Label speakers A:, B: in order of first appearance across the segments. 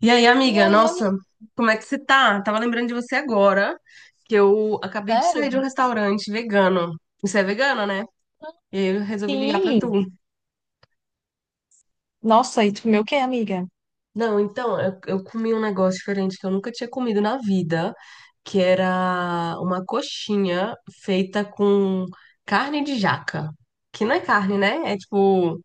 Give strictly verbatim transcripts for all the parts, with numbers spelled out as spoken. A: E aí,
B: E
A: amiga,
B: aí, amiga,
A: nossa, como é que você tá? Tava lembrando de você agora, que eu acabei de sair
B: sério?
A: de um restaurante vegano. Você é vegana, né? E aí eu resolvi ligar pra tu.
B: Sim. Nossa, e tu comeu o quê, amiga?
A: Não, então, eu, eu comi um negócio diferente que eu nunca tinha comido na vida, que era uma coxinha feita com carne de jaca. Que não é carne, né? É tipo,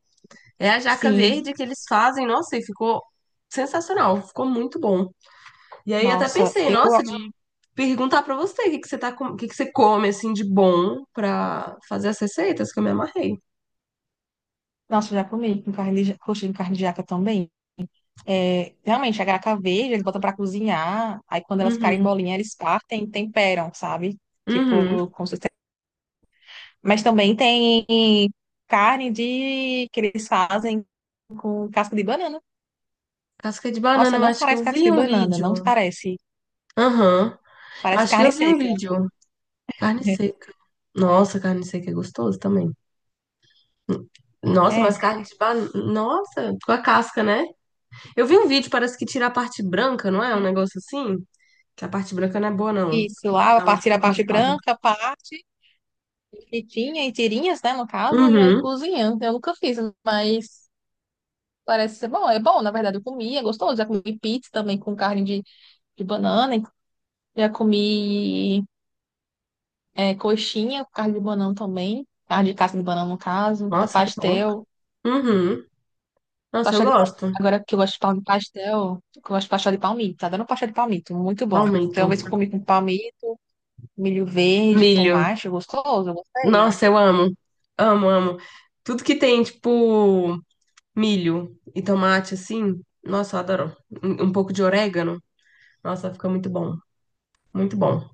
A: é a jaca
B: Sim.
A: verde que eles fazem, nossa, e ficou sensacional, ficou muito bom. E aí até
B: Nossa,
A: pensei,
B: eu,
A: nossa, de perguntar pra você o que que você tá, com- o que que você come assim de bom pra fazer as receitas que eu me amarrei.
B: nossa, eu já comi com carne de, coxinha com carne de jaca também. É, realmente, a graca verde, eles botam pra cozinhar, aí quando elas ficarem
A: Uhum.
B: molinhas, eles partem e temperam, sabe? Tipo,
A: Uhum.
B: com certeza. Mas também tem carne de, que eles fazem com casca de banana.
A: Casca de banana,
B: Nossa,
A: eu
B: não
A: acho que eu
B: parece casca
A: vi
B: de
A: um
B: banana, não
A: vídeo.
B: parece.
A: Aham. Eu
B: Parece
A: acho que eu
B: carne
A: vi um
B: seca.
A: vídeo. Carne seca. Nossa, carne seca é gostoso também. Nossa, mas
B: É.
A: carne de banana. Nossa, com a casca, né? Eu vi um vídeo, parece que tira a parte branca, não é? Um negócio assim? Que a parte branca não é boa, não.
B: Isso, lava,
A: Dá uma
B: parte- tira
A: tipo
B: a partir da parte
A: raspada.
B: branca, parte fritinha em tirinhas, né, no caso, e aí
A: Uhum.
B: cozinha. Eu nunca fiz, mas parece ser bom. É bom, na verdade, eu comi, é gostoso. Já comi pizza também com carne de, de banana, já comi é, coxinha com carne de banana também, carne de casca de banana, no caso, tá
A: Nossa, que bom.
B: pastel,
A: Uhum. Nossa, eu
B: pastel de palmito.
A: gosto.
B: Agora que eu gosto de pal- pastel, que eu gosto de pastel de palmito, tá dando pastel de palmito, muito bom.
A: Aumento.
B: Então, uma vez que eu comi com palmito, milho verde,
A: Milho.
B: tomate, gostoso, eu gostei.
A: Nossa, eu amo. Amo, amo. Tudo que tem, tipo, milho e tomate, assim. Nossa, eu adoro. Um um pouco de orégano. Nossa, fica muito bom. Muito bom.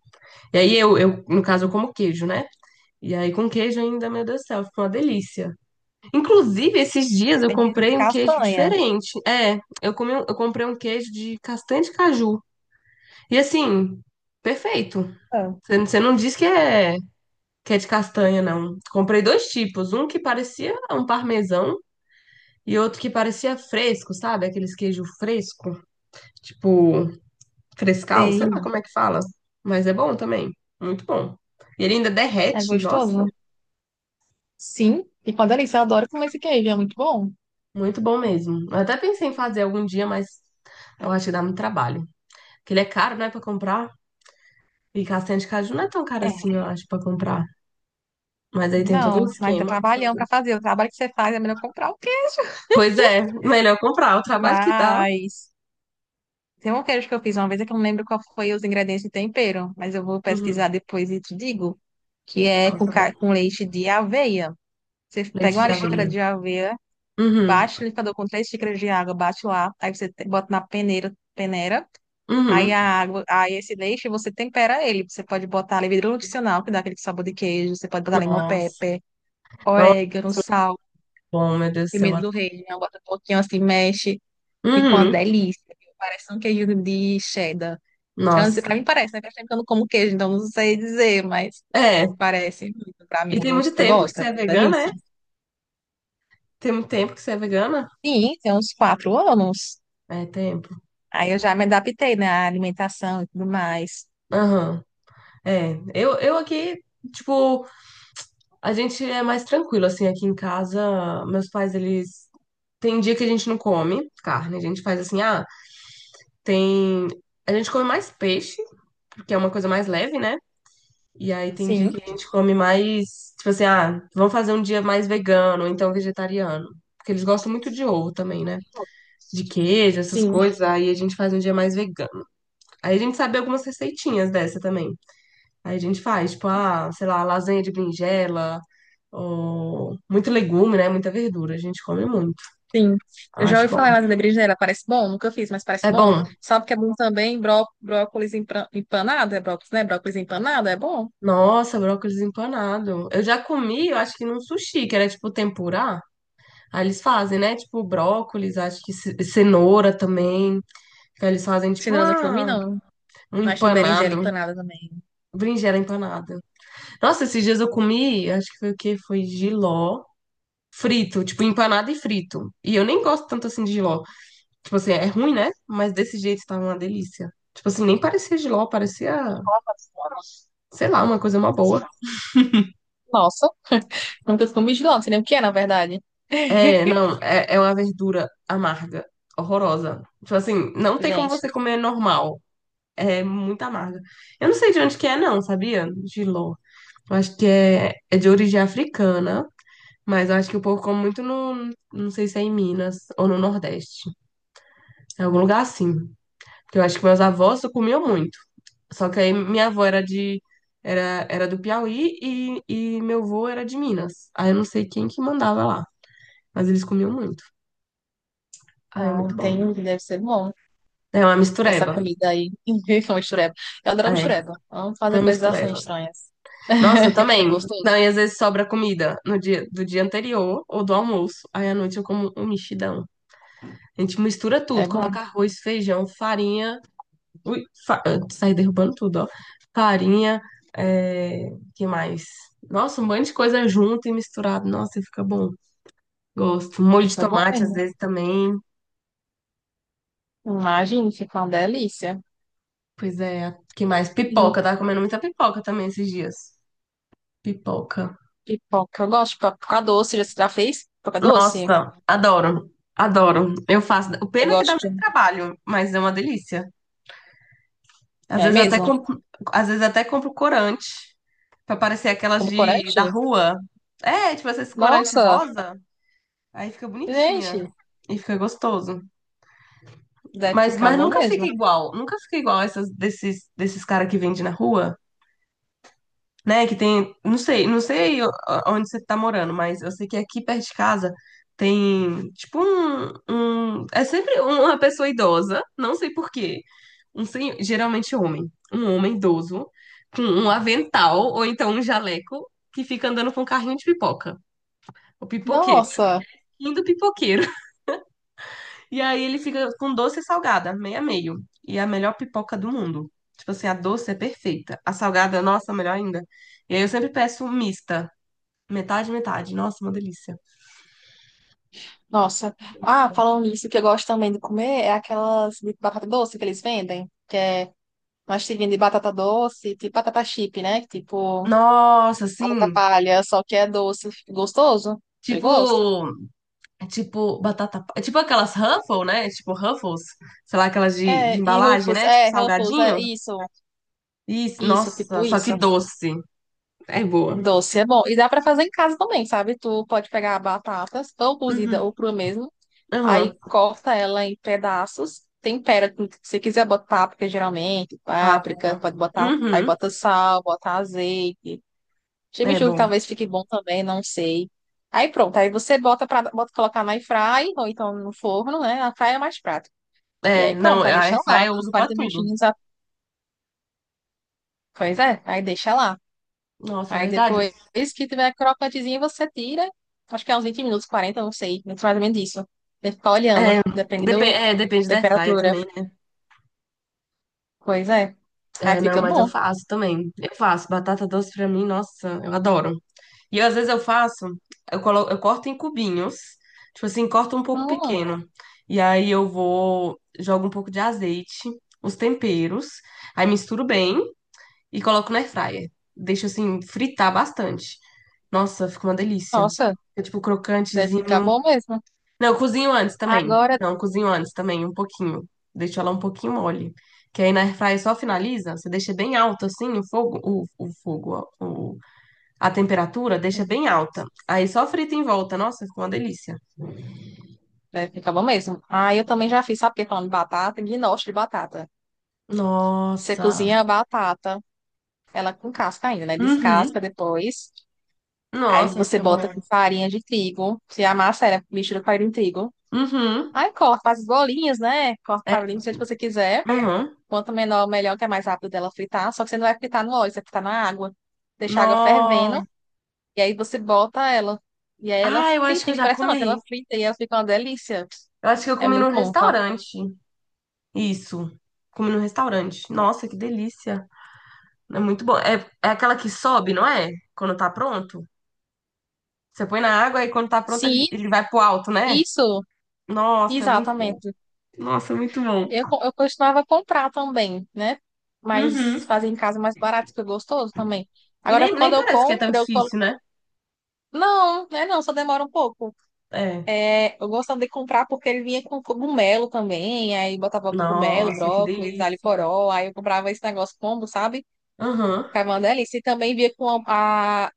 A: E aí eu, eu, no caso, eu como queijo, né? E aí com queijo ainda, meu Deus do céu, fica uma delícia. Inclusive, esses dias eu
B: Tem que de
A: comprei um queijo
B: castanha.
A: diferente. É, eu comi, um- eu comprei um queijo de castanha de caju. E assim, perfeito.
B: Ah,
A: Você você não diz que é que é de castanha, não. Comprei dois tipos, um que parecia um parmesão e outro que parecia fresco, sabe? Aqueles queijo fresco, tipo frescal, sei lá
B: Sei.
A: como é que fala, mas é bom também, muito bom. E ele ainda
B: É
A: derrete, nossa,
B: gostoso? Sim. E com a delícia, eu adoro comer esse queijo, é muito bom.
A: muito bom mesmo. Eu até pensei em fazer algum dia, mas eu acho que dá muito trabalho. Porque ele é caro, né, pra comprar. E castanha de caju não é tão caro assim,
B: É.
A: eu acho, pra comprar. Mas aí tem todo um
B: Não, mas dá
A: esquema pra
B: trabalhão
A: fazer.
B: pra fazer. O trabalho que você faz é melhor comprar o queijo.
A: Pois é, melhor comprar. O trabalho que dá.
B: Mas tem um queijo que eu fiz uma vez, é que eu não lembro qual foi os ingredientes de tempero, mas eu vou
A: Uhum.
B: pesquisar depois e te digo, que é com,
A: Nossa,
B: ca- com leite de aveia. Você pega
A: leite de
B: uma xícara
A: aveia.
B: de aveia,
A: Uhum,
B: bate o liquidificador com três xícaras de água, bate lá, aí você te- bota na peneira, peneira Aí
A: uhum.
B: a água, aí esse leite você tempera ele. Você pode botar levedura nutricional, que dá aquele sabor de queijo. Você pode botar limão
A: Nossa,
B: pepper,
A: nossa,
B: orégano, sal,
A: bom, meu Deus do céu.
B: pimenta do reino. Bota um pouquinho assim, mexe. Fica uma
A: Uhum,
B: delícia. Viu? Parece um queijo de cheddar. Então, assim,
A: nossa.
B: Pra mim parece, né? Faz tempo que eu não como queijo, então não sei dizer, mas
A: É,
B: parece muito pra
A: e
B: mim.
A: tem muito
B: Gosto, eu
A: tempo que
B: gosto, é
A: você é
B: uma
A: vegana, é?
B: delícia.
A: Tem muito tempo que você é vegana?
B: Sim, tem uns quatro anos.
A: É, tempo.
B: Aí eu já me adaptei, né, à alimentação e tudo mais.
A: Aham, é. Eu, eu aqui, tipo, a gente é mais tranquilo, assim, aqui em casa, meus pais, eles... Tem dia que a gente não come carne, a gente faz assim, ah, tem... A gente come mais peixe, porque é uma coisa mais leve, né? E aí tem dia
B: Sim,
A: que a gente come mais, tipo assim, ah, vamos fazer um dia mais vegano, ou então vegetariano. Porque eles gostam muito de ovo também, né? De queijo, essas
B: sim.
A: coisas. Aí a gente faz um dia mais vegano. Aí a gente sabe algumas receitinhas dessa também. Aí a gente faz, tipo, ah, sei lá, lasanha de berinjela, ou muito legume, né? Muita verdura. A gente come muito.
B: Sim,
A: Eu
B: eu já
A: acho
B: ouvi
A: bom.
B: falar mais da berinjela, parece bom, nunca fiz, mas parece
A: É
B: bom.
A: bom.
B: Sabe o que é bom também bró brócolis empra- empanado, é brócolis, né? Brócolis empanado é bom.
A: Nossa, brócolis empanado. Eu já comi, eu acho que num sushi, que era tipo tempurá. Aí eles fazem, né? Tipo, brócolis, acho que ce- cenoura também. Aí eles fazem,
B: Se
A: tipo,
B: ainda não comi,
A: uma,
B: não.
A: um
B: Não achei berinjela
A: empanado, um
B: empanada também.
A: berinjela empanada. Nossa, esses dias eu comi, acho que foi o quê? Foi jiló frito, tipo, empanado e frito. E eu nem gosto tanto assim de jiló. Tipo assim, é ruim, né? Mas desse jeito estava uma delícia. Tipo assim, nem parecia jiló, parecia, sei lá, uma coisa uma boa.
B: Nossa, nunca comi de lá, não sei nem o que é, na verdade.
A: É, não, é, é uma verdura amarga, horrorosa. Tipo assim, não tem como
B: Gente,
A: você comer normal. É muito amarga. Eu não sei de onde que é, não, sabia? Jiló. Eu acho que é, é de origem africana, mas eu acho que o povo come muito no. Não sei se é em Minas ou no Nordeste. Em algum lugar assim. Porque eu acho que meus avós comiam muito. Só que aí minha avó era de. Era, era do Piauí e, e meu avô era de Minas. Aí eu não sei quem que mandava lá. Mas eles comiam muito. Aí é
B: ah,
A: muito bom.
B: entendi, deve ser bom
A: É uma
B: essa
A: mistureba.
B: comida aí. Com mistureba. Eu adoro
A: É,
B: mistureba. Vamos
A: uma
B: fazer coisas assim
A: mistureba.
B: estranhas.
A: Nossa, eu
B: É
A: também. Não,
B: gostoso.
A: e às vezes sobra comida no dia, do dia anterior ou do almoço. Aí à noite eu como um mexidão. A gente mistura
B: É
A: tudo,
B: bom,
A: coloca arroz, feijão, farinha. Ui, fa... eu saí derrubando tudo, ó. Farinha, é... que mais? Nossa, um monte de coisa junto e misturado. Nossa, e fica bom. Gosto. Molho de
B: fica bom
A: tomate às
B: mesmo.
A: vezes também.
B: Imagina, fica uma delícia.
A: Pois é, que mais? Pipoca, eu tava comendo muita pipoca também esses dias. Pipoca.
B: Pipoca. Eu gosto de pipoca pipoca doce. Já- Você já fez pipoca doce?
A: Nossa, adoro, adoro. Eu faço. O
B: Eu
A: pena é que dá
B: gosto.
A: muito trabalho, mas é uma delícia. Às
B: É
A: vezes até
B: mesmo?
A: compro, às vezes até compro corante pra parecer aquelas
B: Com
A: de
B: corante?
A: da rua. É, tipo esse corante
B: Nossa,
A: rosa, aí fica
B: gente,
A: bonitinha e fica gostoso.
B: deve
A: Mas
B: ficar
A: mas
B: bom
A: nunca fica
B: mesmo.
A: igual, nunca fica igual essas desses desses cara que vende na rua. Né? Que tem, não sei, não sei o- onde você tá morando, mas eu sei que aqui perto de casa tem tipo um, um- é sempre uma pessoa idosa, não sei por quê, um senhor, geralmente homem, um homem idoso com um avental ou então um jaleco que fica andando com um carrinho de pipoca. O pipoqueiro,
B: Nossa,
A: lindo pipoqueiro. E aí ele fica com doce e salgada, meio a meio. E é a melhor pipoca do mundo. Tipo assim, a doce é perfeita. A salgada, nossa, melhor ainda. E aí eu sempre peço mista. Metade, metade. Nossa, uma delícia.
B: nossa.
A: Uma
B: Ah,
A: delícia.
B: falando nisso, o que eu gosto também de comer é aquelas de batata doce que eles vendem, que é uma tirinha de batata doce, tipo batata chip, né? Tipo
A: Nossa,
B: batata
A: assim,
B: palha, só que é doce, gostoso. Eu gosto.
A: tipo, tipo batata, é tipo aquelas Ruffles, né? Tipo Ruffles, sei lá, aquelas de, de
B: É, e
A: embalagem,
B: Ruffles,
A: né? Tipo
B: é, Ruffles, é
A: salgadinho.
B: isso,
A: Isso,
B: isso,
A: nossa,
B: tipo
A: só que
B: isso.
A: doce. É boa.
B: Doce é bom. E dá pra fazer em casa também, sabe? Tu pode pegar batatas, ou cozida
A: Uhum.
B: ou crua mesmo.
A: Aham.
B: Aí corta ela em pedaços, tempera com o que você quiser botar páprica, geralmente, páprica,
A: Páprica.
B: pode botar, aí
A: Uhum.
B: bota sal, bota azeite.
A: É
B: Chimichurri
A: bom.
B: talvez fique bom também, não sei. Aí pronto, aí você bota para bota colocar na air fry ou então no forno, né? A fry é mais prático. E
A: É,
B: aí
A: não,
B: pronto,
A: a
B: aí deixa
A: airfryer
B: lá,
A: eu uso pra
B: quarenta
A: tudo.
B: minutinhos. A- Pois é, aí deixa lá.
A: Nossa, é
B: Aí
A: verdade.
B: depois que tiver crocantezinho, você tira. Acho que é uns vinte minutos, quarenta, não sei. Muito mais ou menos isso. Tem que ficar
A: É,
B: olhando, depende
A: depe-
B: do-
A: é,
B: da
A: depende da airfryer
B: temperatura.
A: também, né?
B: Pois é. Aí
A: É, não,
B: fica
A: mas eu
B: bom.
A: faço também. Eu faço batata doce pra mim, nossa, eu adoro. E às vezes eu faço, eu colo, eu corto em cubinhos, tipo assim, corto um pouco
B: Hum,
A: pequeno. E aí eu vou, jogo um pouco de azeite, os temperos, aí misturo bem e coloco na airfryer. Deixo assim fritar bastante. Nossa, fica uma delícia.
B: nossa,
A: Fica tipo
B: deve ficar
A: crocantezinho.
B: bom mesmo.
A: Não, eu cozinho antes também.
B: Agora,
A: Não, eu cozinho antes também, um pouquinho. Deixo ela um pouquinho mole. Que aí na airfryer só finaliza, você deixa bem alto assim o fogo, o, o fogo, ó, a temperatura deixa bem alta. Aí só frita em volta. Nossa, fica uma delícia.
B: deve ficar bom mesmo. Ah, eu também já fiz, sabe o que é falando de batata? Ginoche de batata. Você
A: Nossa.
B: cozinha a batata, ela com casca ainda, né? Descasca
A: Uhum.
B: depois. Aí
A: Nossa,
B: você
A: fica
B: bota com
A: bom.
B: farinha de trigo. Você amassa ela, mistura com farinha de trigo.
A: Uhum.
B: Aí corta as bolinhas, né? Corta para bolinha do jeito que você quiser.
A: Uhum.
B: Quanto menor, melhor, que é mais rápido dela fritar. Só que você não vai fritar no óleo, você vai fritar na água. Deixa a água
A: No...
B: fervendo e aí você bota ela. E aí ela
A: Ah, eu acho
B: frita,
A: que
B: é
A: eu já
B: impressionante, ela
A: comi.
B: frita e ela fica uma delícia.
A: Eu acho que eu
B: É
A: comi
B: muito
A: num
B: bom, tá?
A: restaurante. Isso. Comi num restaurante. Nossa, que delícia. É muito bom. É, é aquela que sobe, não é? Quando tá pronto. Você põe na água e quando tá pronto ele
B: Sim,
A: ele vai pro alto, né?
B: isso,
A: Nossa, é muito bom.
B: exatamente.
A: Nossa, é muito bom.
B: Eu, co- eu costumava comprar também, né? Mas
A: Uhum.
B: fazer em casa é mais barato, fica gostoso também.
A: E
B: Agora,
A: nem, nem
B: quando eu
A: parece que é tão
B: compro, eu colo...
A: difícil, né?
B: Não, né? Não, só demora um pouco.
A: É.
B: É, eu gostava de comprar porque ele vinha com cogumelo também, aí botava cogumelo,
A: Nossa, que
B: brócolis, alho
A: delícia.
B: poró, aí eu comprava esse negócio combo, sabe?
A: Aham.
B: Ficava uma delícia. E também vinha com a, a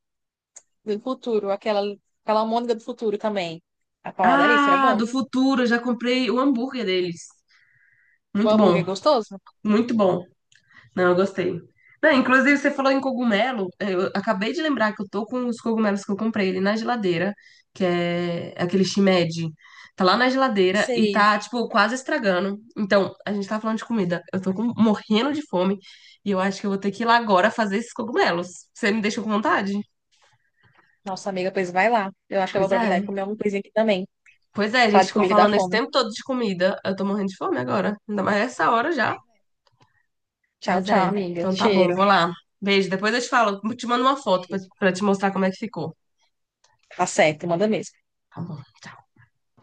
B: do futuro, aquela, aquela almôndega do futuro também. Ficava uma delícia, era
A: Ah,
B: bom.
A: do futuro, eu já comprei o hambúrguer deles.
B: O
A: Muito
B: hambúrguer
A: bom,
B: é gostoso?
A: muito bom. Não, eu gostei. Não, inclusive, você falou em cogumelo. Eu acabei de lembrar que eu tô com os cogumelos que eu comprei ali na geladeira, que é aquele shimeji. Tá lá na geladeira e
B: Sei.
A: tá, tipo, quase estragando. Então, a gente tá falando de comida. Eu tô com- morrendo de fome e eu acho que eu vou ter que ir lá agora fazer esses cogumelos. Você me deixou com vontade?
B: Nossa amiga, pois vai lá. Eu acho que eu vou
A: Pois
B: aproveitar e
A: é.
B: comer alguma coisinha aqui também.
A: Pois é, a
B: Falar
A: gente
B: de
A: ficou
B: comida dá
A: falando esse
B: fome.
A: tempo todo de comida. Eu tô morrendo de fome agora. Ainda mais essa hora já.
B: Tchau,
A: Mas
B: tchau,
A: é.
B: amiga.
A: Então tá bom,
B: Cheiro.
A: vou lá. Beijo. Depois eu te falo. Te mando uma foto pra,
B: Isso.
A: pra te mostrar como é que ficou.
B: Tá certo, manda mesmo.
A: Tá bom.